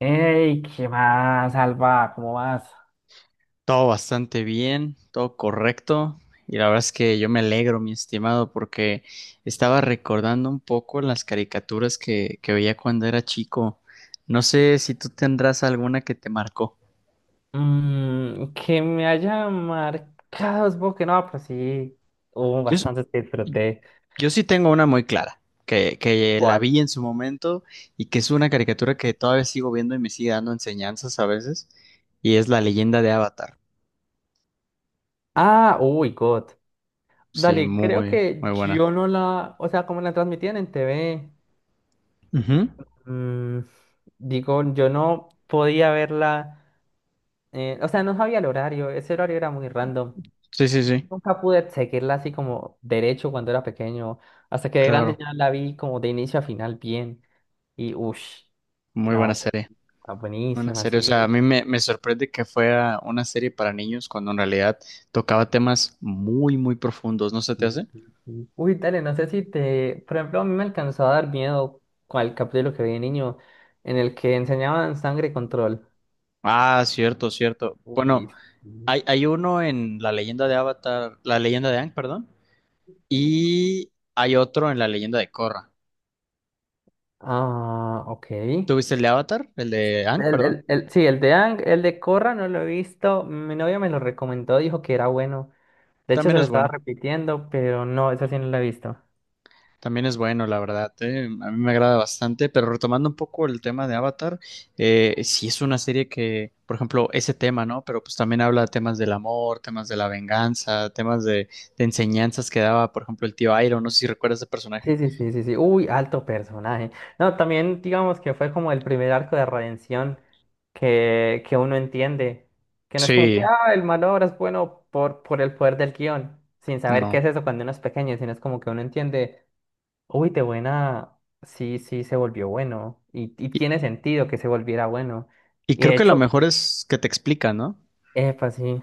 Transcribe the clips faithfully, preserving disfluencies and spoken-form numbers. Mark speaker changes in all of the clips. Speaker 1: Hey, ¿qué más, Alba? ¿Cómo vas?
Speaker 2: Todo bastante bien, todo correcto. Y la verdad es que yo me alegro, mi estimado, porque estaba recordando un poco las caricaturas que, que veía cuando era chico. No sé si tú tendrás alguna que te marcó.
Speaker 1: Mm, que me haya marcado, supongo que no, pero sí, hubo
Speaker 2: Yo, s-
Speaker 1: bastantes que disfruté.
Speaker 2: yo sí tengo una muy clara, que, que la
Speaker 1: ¿Cuál?
Speaker 2: vi en su momento y que es una caricatura que todavía sigo viendo y me sigue dando enseñanzas a veces, y es La leyenda de Avatar.
Speaker 1: Ah, uy, God.
Speaker 2: Sí,
Speaker 1: Dale, creo
Speaker 2: muy,
Speaker 1: que
Speaker 2: muy buena.
Speaker 1: yo no la, o sea, como la transmitían en T V,
Speaker 2: Ujú.
Speaker 1: mm, digo, yo no podía verla, eh, o sea, no sabía el horario, ese horario era muy random.
Speaker 2: Sí, sí, sí,
Speaker 1: Nunca pude seguirla así como derecho cuando era pequeño. Hasta que de grande
Speaker 2: claro,
Speaker 1: ya la vi como de inicio a final bien. Y uff,
Speaker 2: muy buena
Speaker 1: no,
Speaker 2: serie.
Speaker 1: está
Speaker 2: Una
Speaker 1: buenísima,
Speaker 2: serie, o sea, a
Speaker 1: sí.
Speaker 2: mí me, me sorprende que fuera una serie para niños cuando en realidad tocaba temas muy, muy profundos, ¿no se te hace?
Speaker 1: Sí, sí, sí. Uy, dale, no sé si te. Por ejemplo, a mí me alcanzó a dar miedo con el capítulo que vi de niño, en el que enseñaban sangre y control.
Speaker 2: Ah, cierto, cierto. Bueno,
Speaker 1: Uy, sí.
Speaker 2: hay, hay uno en La leyenda de Avatar, La leyenda de Aang, perdón, y hay otro en La leyenda de Korra.
Speaker 1: Ah, ok. El,
Speaker 2: ¿Tuviste el de Avatar? El de Aang, perdón.
Speaker 1: el, el, sí, el de Ang, el de corra no lo he visto. Mi novia me lo recomendó, dijo que era bueno. De hecho,
Speaker 2: También
Speaker 1: se lo
Speaker 2: es
Speaker 1: estaba
Speaker 2: bueno.
Speaker 1: repitiendo, pero no, esa sí no la he visto.
Speaker 2: También es bueno, la verdad, ¿eh? A mí me agrada bastante, pero retomando un poco el tema de Avatar, eh, sí es una serie que, por ejemplo, ese tema, ¿no? Pero pues también habla de temas del amor, temas de la venganza, temas de, de enseñanzas que daba, por ejemplo, el tío Iroh, no sé si recuerdas ese personaje.
Speaker 1: Sí, sí, sí, sí, sí. Uy, alto personaje. No, también digamos que fue como el primer arco de redención que, que uno entiende. Que no es como que,
Speaker 2: Sí,
Speaker 1: ah, el malo ahora es bueno por, por el poder del guión, sin saber qué
Speaker 2: no.
Speaker 1: es eso cuando uno es pequeño, sino es como que uno entiende, uy, de buena, sí, sí, se volvió bueno. Y, y
Speaker 2: Y,
Speaker 1: tiene sentido que se volviera bueno.
Speaker 2: y
Speaker 1: Y
Speaker 2: creo
Speaker 1: de
Speaker 2: que lo
Speaker 1: hecho,
Speaker 2: mejor es que te explica, ¿no?
Speaker 1: epa, sí.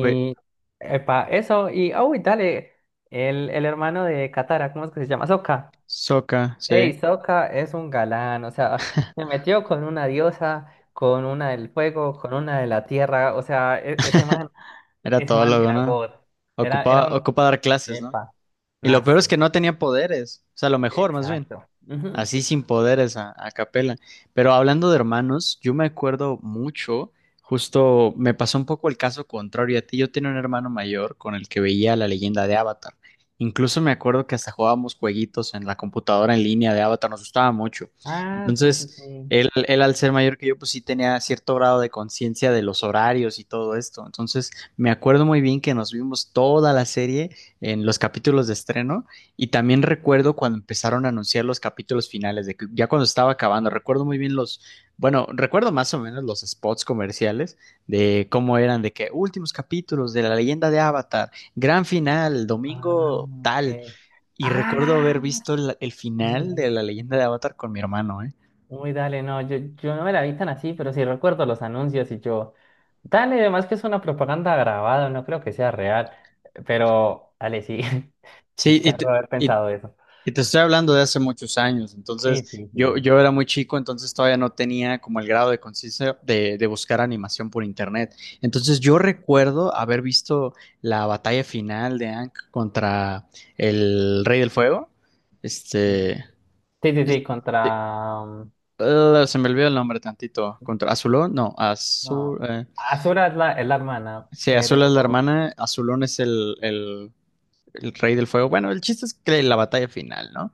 Speaker 2: Güey,
Speaker 1: epa, eso, y oh, dale, el, el hermano de Katara, ¿cómo es que se llama? Sokka.
Speaker 2: Sokka, sí,
Speaker 1: Ey, Sokka es un galán, o sea, se metió con una diosa, con una del fuego, con una de la tierra, o sea, e- ese man,
Speaker 2: era
Speaker 1: ese
Speaker 2: todo
Speaker 1: man
Speaker 2: lo,
Speaker 1: era
Speaker 2: ¿no?
Speaker 1: God, era, era
Speaker 2: Ocupaba,
Speaker 1: un,
Speaker 2: ocupa dar clases, ¿no?
Speaker 1: epa,
Speaker 2: Y lo peor es
Speaker 1: nazi,
Speaker 2: que no tenía poderes, o sea, lo mejor, más bien.
Speaker 1: exacto. Ujú.
Speaker 2: Así sin poderes a, a capela. Pero hablando de hermanos, yo me acuerdo mucho, justo me pasó un poco el caso contrario a ti. Yo tenía un hermano mayor con el que veía La leyenda de Avatar. Incluso me acuerdo que hasta jugábamos jueguitos en la computadora en línea de Avatar, nos gustaba mucho.
Speaker 1: Ah, sí, sí,
Speaker 2: Entonces,
Speaker 1: sí.
Speaker 2: él, él al ser mayor que yo, pues sí tenía cierto grado de conciencia de los horarios y todo esto. Entonces, me acuerdo muy bien que nos vimos toda la serie en los capítulos de estreno. Y también recuerdo cuando empezaron a anunciar los capítulos finales, de que ya cuando estaba acabando, recuerdo muy bien los, bueno, recuerdo más o menos los spots comerciales de cómo eran, de que últimos capítulos de La leyenda de Avatar, gran final,
Speaker 1: Ah,
Speaker 2: domingo
Speaker 1: ok.
Speaker 2: tal. Y recuerdo
Speaker 1: Ah,
Speaker 2: haber visto el, el
Speaker 1: sí,
Speaker 2: final de La
Speaker 1: dale.
Speaker 2: leyenda de Avatar con mi hermano, ¿eh?
Speaker 1: Uy, dale, no, yo, yo no me la vi tan así, pero sí recuerdo los anuncios y yo, dale, además que es una propaganda grabada, no creo que sea real, pero dale, sí,
Speaker 2: Sí, y,
Speaker 1: chicharro
Speaker 2: t-
Speaker 1: haber
Speaker 2: y
Speaker 1: pensado eso.
Speaker 2: Y te estoy hablando de hace muchos años,
Speaker 1: Sí,
Speaker 2: entonces
Speaker 1: sí,
Speaker 2: yo,
Speaker 1: sí.
Speaker 2: yo era muy chico, entonces todavía no tenía como el grado de conciencia de, de buscar animación por internet. Entonces yo recuerdo haber visto la batalla final de Aang contra el Rey del Fuego,
Speaker 1: Mm.
Speaker 2: este,
Speaker 1: Sí, sí, sí,
Speaker 2: este,
Speaker 1: contra... um,
Speaker 2: eh, se me olvidó el nombre tantito, contra Azulón, no,
Speaker 1: No.
Speaker 2: Azul, eh,
Speaker 1: Azura es la, es la hermana,
Speaker 2: sí, Azul es la
Speaker 1: pero...
Speaker 2: hermana, Azulón es el, el, el Rey del Fuego. Bueno, el chiste es que la batalla final, ¿no?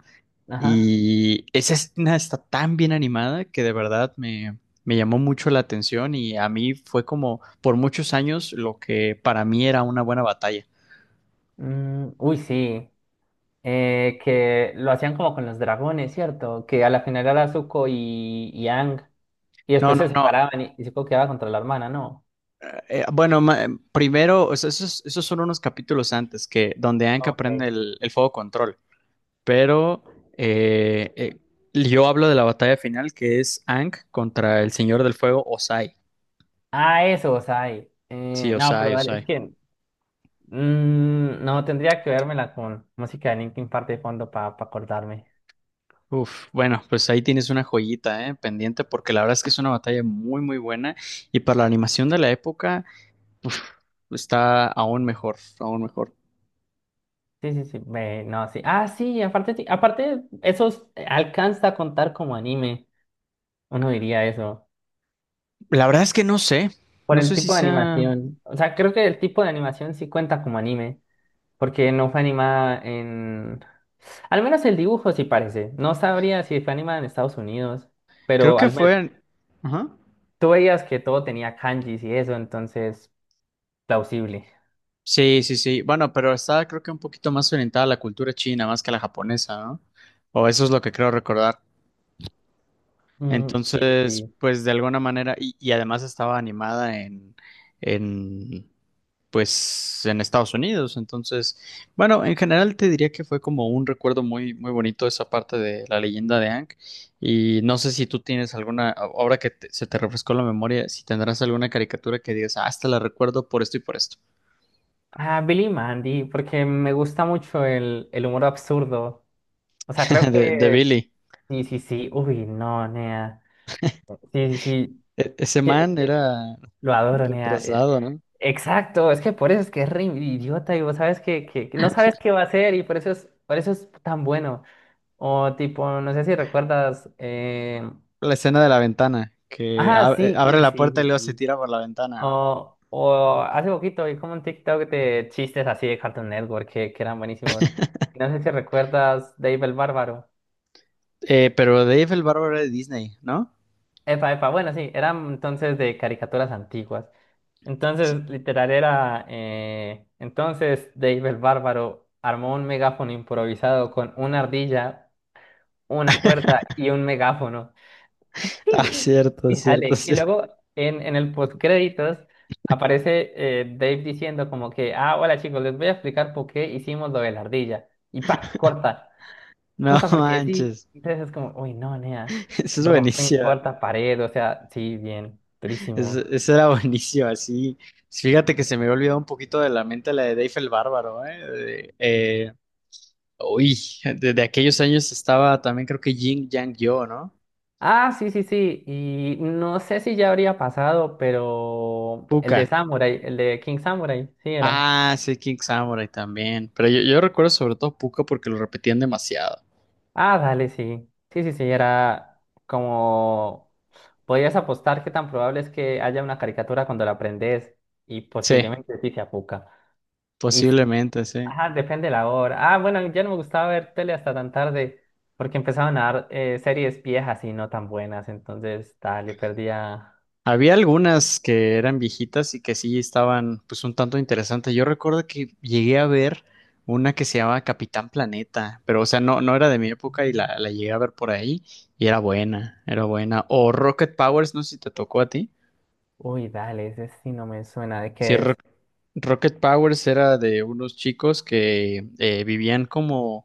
Speaker 1: Ajá.
Speaker 2: Y esa escena está tan bien animada que de verdad me, me llamó mucho la atención y a mí fue como por muchos años lo que para mí era una buena batalla.
Speaker 1: Mm, uy, sí. Eh, que lo hacían como con los dragones, ¿cierto? Que a la final era Zuko y, y Aang, y
Speaker 2: No,
Speaker 1: después
Speaker 2: no,
Speaker 1: se
Speaker 2: no.
Speaker 1: separaban y, y Zuko quedaba contra la hermana, ¿no?
Speaker 2: eh, bueno, ma- eh, primero, o sea, esos, esos son unos capítulos antes que donde Anka
Speaker 1: Ok.
Speaker 2: aprende el, el fuego control. Pero eh, eh, yo hablo de la batalla final que es Ank contra el Señor del Fuego, Osai.
Speaker 1: Ah, eso, o sea, y-
Speaker 2: Sí,
Speaker 1: eh, no, pero
Speaker 2: Osai,
Speaker 1: dale, es
Speaker 2: Osai.
Speaker 1: que mm, no tendría que vérmela con música de Linkin Park de fondo para acordarme.
Speaker 2: Uf, bueno, pues ahí tienes una joyita, ¿eh? Pendiente, porque la verdad es que es una batalla muy, muy buena y para la animación de la época, uf, está aún mejor, aún mejor.
Speaker 1: Sí, sí, sí, ve, no, sí. Ah, sí, aparte, ti- aparte, eso es- alcanza a contar como anime, uno diría eso,
Speaker 2: La verdad es que no sé,
Speaker 1: por
Speaker 2: no
Speaker 1: el
Speaker 2: sé si
Speaker 1: tipo de
Speaker 2: sea,
Speaker 1: animación. O sea, creo que el tipo de animación sí cuenta como anime, porque no fue animada en... Al menos el dibujo sí parece. No sabría si fue animada en Estados Unidos,
Speaker 2: creo
Speaker 1: pero
Speaker 2: que
Speaker 1: al,
Speaker 2: fue, ajá.
Speaker 1: tú veías que todo tenía kanjis y eso, entonces, plausible.
Speaker 2: Sí, sí, sí, bueno, pero está creo que un poquito más orientada a la cultura china más que a la japonesa, ¿no? O eso es lo que creo recordar.
Speaker 1: Mm, sí, sí,
Speaker 2: Entonces,
Speaker 1: sí.
Speaker 2: pues de alguna manera, y, y además estaba animada en, en pues en Estados Unidos. Entonces, bueno, en general te diría que fue como un recuerdo muy, muy bonito esa parte de La leyenda de Hank. Y no sé si tú tienes alguna, a- ahora que te- se te refrescó la memoria, si tendrás alguna caricatura que digas, ah, esta la recuerdo por esto y por esto.
Speaker 1: Ah, Billy y Mandy, porque me gusta mucho el, el humor absurdo. O sea, creo
Speaker 2: De, de
Speaker 1: que...
Speaker 2: Billy.
Speaker 1: Sí, sí, sí. Uy, no, Nea. Sí, sí, sí.
Speaker 2: E- ese
Speaker 1: Que-
Speaker 2: man
Speaker 1: que-
Speaker 2: era
Speaker 1: lo adoro, Nea. Eh,
Speaker 2: retrasado, ¿no?
Speaker 1: Exacto, es que por eso es que es re idiota y vos sabes que, que que no sabes qué va a hacer y por eso es, por eso es tan bueno. O tipo, no sé si recuerdas... Eh...
Speaker 2: La escena de la ventana, que
Speaker 1: Ah,
Speaker 2: ab- eh,
Speaker 1: sí,
Speaker 2: abre
Speaker 1: uy,
Speaker 2: la
Speaker 1: sí,
Speaker 2: puerta y
Speaker 1: sí,
Speaker 2: luego se
Speaker 1: sí.
Speaker 2: tira por la ventana, ¿no?
Speaker 1: O, o hace poquito vi como un TikTok de chistes así de Cartoon Network que, que eran buenísimos. No sé si recuerdas Dave el Bárbaro.
Speaker 2: Eh, pero Dave el Bárbaro era de Disney, ¿no?
Speaker 1: Epa, epa, bueno, sí, eran entonces de caricaturas antiguas. Entonces, literal era, eh, entonces Dave el Bárbaro armó un megáfono improvisado con una ardilla, una cuerda y un megáfono.
Speaker 2: Ah,
Speaker 1: Sí.
Speaker 2: cierto,
Speaker 1: Y
Speaker 2: cierto,
Speaker 1: sale. Y
Speaker 2: cierto.
Speaker 1: luego en, en el postcréditos aparece eh, Dave diciendo como que, ah, hola chicos, les voy a explicar por qué hicimos lo de la ardilla. Y pa, corta.
Speaker 2: No
Speaker 1: Corta porque sí.
Speaker 2: manches,
Speaker 1: Entonces es como, uy, no, nea.
Speaker 2: eso es
Speaker 1: Rompen
Speaker 2: buenísimo,
Speaker 1: cuarta pared, o sea, sí, bien,
Speaker 2: eso,
Speaker 1: durísimo.
Speaker 2: eso era buenísimo, así. Fíjate que se me había olvidado un poquito de la mente la de Dave el Bárbaro, ¿eh? De- eh, uy, desde aquellos años estaba también creo que Jin Yang Yo, ¿no?
Speaker 1: Ah, sí, sí, sí. Y no sé si ya habría pasado, pero el
Speaker 2: Puka.
Speaker 1: de Samurai, el de King Samurai, sí era.
Speaker 2: Ah, sí, King Samurai también, pero yo, yo recuerdo sobre todo Puka porque lo repetían demasiado.
Speaker 1: Ah, dale, sí. Sí, sí, sí, era como podrías apostar que tan probable es que haya una caricatura cuando la aprendes y
Speaker 2: Sí,
Speaker 1: posiblemente sí se apuca. Y si-
Speaker 2: posiblemente, sí.
Speaker 1: ajá, depende de la hora. Ah, bueno, ya no me gustaba ver tele hasta tan tarde porque empezaban a dar eh, series viejas y no tan buenas. Entonces, dale, perdía.
Speaker 2: Había algunas que eran viejitas y que sí estaban pues un tanto interesantes. Yo recuerdo que llegué a ver una que se llamaba Capitán Planeta, pero o sea, no, no era de mi época y la, la llegué a ver por ahí y era buena, era buena. O Rocket Powers, no sé si te tocó a ti.
Speaker 1: Uy, dale, ese sí no me suena de
Speaker 2: Sí,
Speaker 1: qué
Speaker 2: Ro-
Speaker 1: es.
Speaker 2: Rocket Powers era de unos chicos que eh, vivían como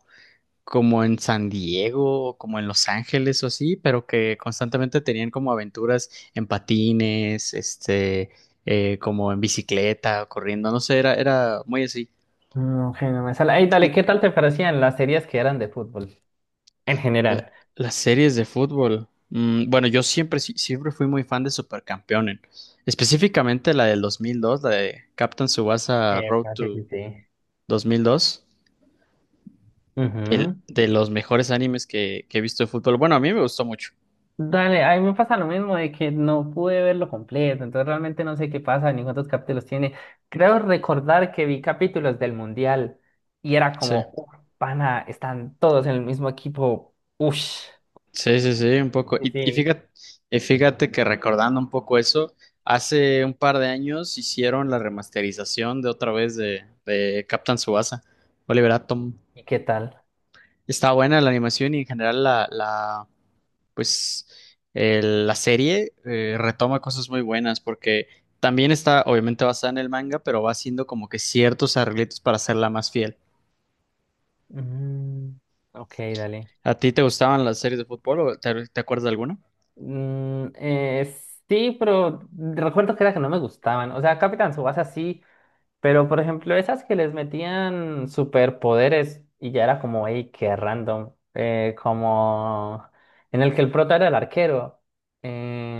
Speaker 2: como en San Diego, o como en Los Ángeles o así, pero que constantemente tenían como aventuras en patines, este, eh, como en bicicleta, corriendo, no sé, era, era muy así.
Speaker 1: No, que no me sale. Ay, dale, ¿qué tal te parecían las series que eran de fútbol en
Speaker 2: La-
Speaker 1: general?
Speaker 2: las series de fútbol. Mm, bueno, yo siempre, sí- siempre fui muy fan de Supercampeones, específicamente la del dos mil dos, la de Captain Tsubasa
Speaker 1: Eh,
Speaker 2: Road
Speaker 1: sí,
Speaker 2: to
Speaker 1: sí, sí.
Speaker 2: dos mil dos, el
Speaker 1: Ujú.
Speaker 2: de los mejores animes que, que he visto de fútbol. Bueno, a mí me gustó mucho.
Speaker 1: Dale, a mí me pasa lo mismo de que no pude verlo completo, entonces realmente no sé qué pasa ni cuántos capítulos tiene. Creo recordar que vi capítulos del Mundial y era
Speaker 2: Sí.
Speaker 1: como, "Uf, pana, están todos en el mismo equipo, uff,
Speaker 2: Sí, sí, sí, un poco.
Speaker 1: sí,
Speaker 2: Y, y
Speaker 1: sí.
Speaker 2: fíjate, y fíjate que recordando un poco eso, hace un par de años hicieron la remasterización de otra vez de, de Captain Tsubasa, Oliver Atom.
Speaker 1: ¿Y qué tal?
Speaker 2: Está buena la animación y en general la, la pues el- la serie eh, retoma cosas muy buenas porque también está obviamente basada en el manga, pero va haciendo como que ciertos arreglitos para hacerla más fiel.
Speaker 1: Mm, ok, dale.
Speaker 2: ¿A ti te gustaban las series de fútbol o te, te acuerdas de alguna?
Speaker 1: Mm, eh, sí, pero recuerdo que era que no me gustaban, o sea, Capitán Tsubasa sí, pero, por ejemplo, esas que les metían superpoderes y ya era como, hey, qué random. Eh, como en el que el prota era el arquero.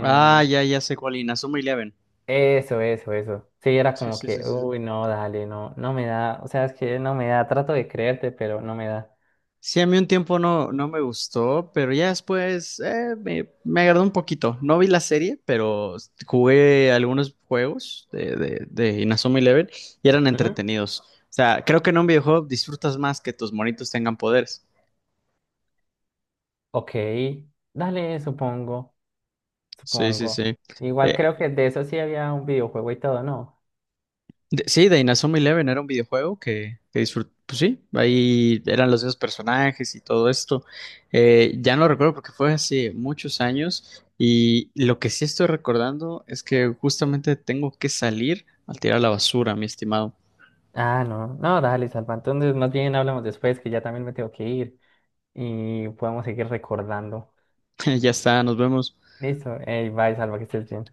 Speaker 2: Ah, ya, ya sé cuál, Inazuma Eleven.
Speaker 1: Eso, eso, eso. Sí, era
Speaker 2: Sí,
Speaker 1: como
Speaker 2: sí, sí,
Speaker 1: que,
Speaker 2: sí.
Speaker 1: uy, no, dale, no, no me da. O sea, es que no me da. Trato de creerte, pero no me da.
Speaker 2: Sí, a mí un tiempo no, no me gustó, pero ya después eh, me, me agradó un poquito. No vi la serie, pero jugué algunos juegos de, de, de Inazuma Eleven y eran
Speaker 1: Ujú,
Speaker 2: entretenidos. O sea, creo que en un videojuego disfrutas más que tus monitos tengan poderes.
Speaker 1: ok, dale, supongo,
Speaker 2: Sí, sí,
Speaker 1: supongo.
Speaker 2: sí.
Speaker 1: Igual
Speaker 2: Eh,
Speaker 1: creo que de eso sí había un videojuego y todo, ¿no?
Speaker 2: De- sí, de Inazuma Eleven era un videojuego que, que disfruté, pues sí, ahí eran los mismos personajes y todo esto. Eh, ya no lo recuerdo porque fue hace muchos años y lo que sí estoy recordando es que justamente tengo que salir a tirar la basura, mi estimado.
Speaker 1: Ah, no, no, dale, Salva. Entonces, más bien hablamos después, que ya también me tengo que ir. Y podamos seguir recordando.
Speaker 2: Ya está, nos vemos.
Speaker 1: Listo, ey, bye, Salva, que estés bien.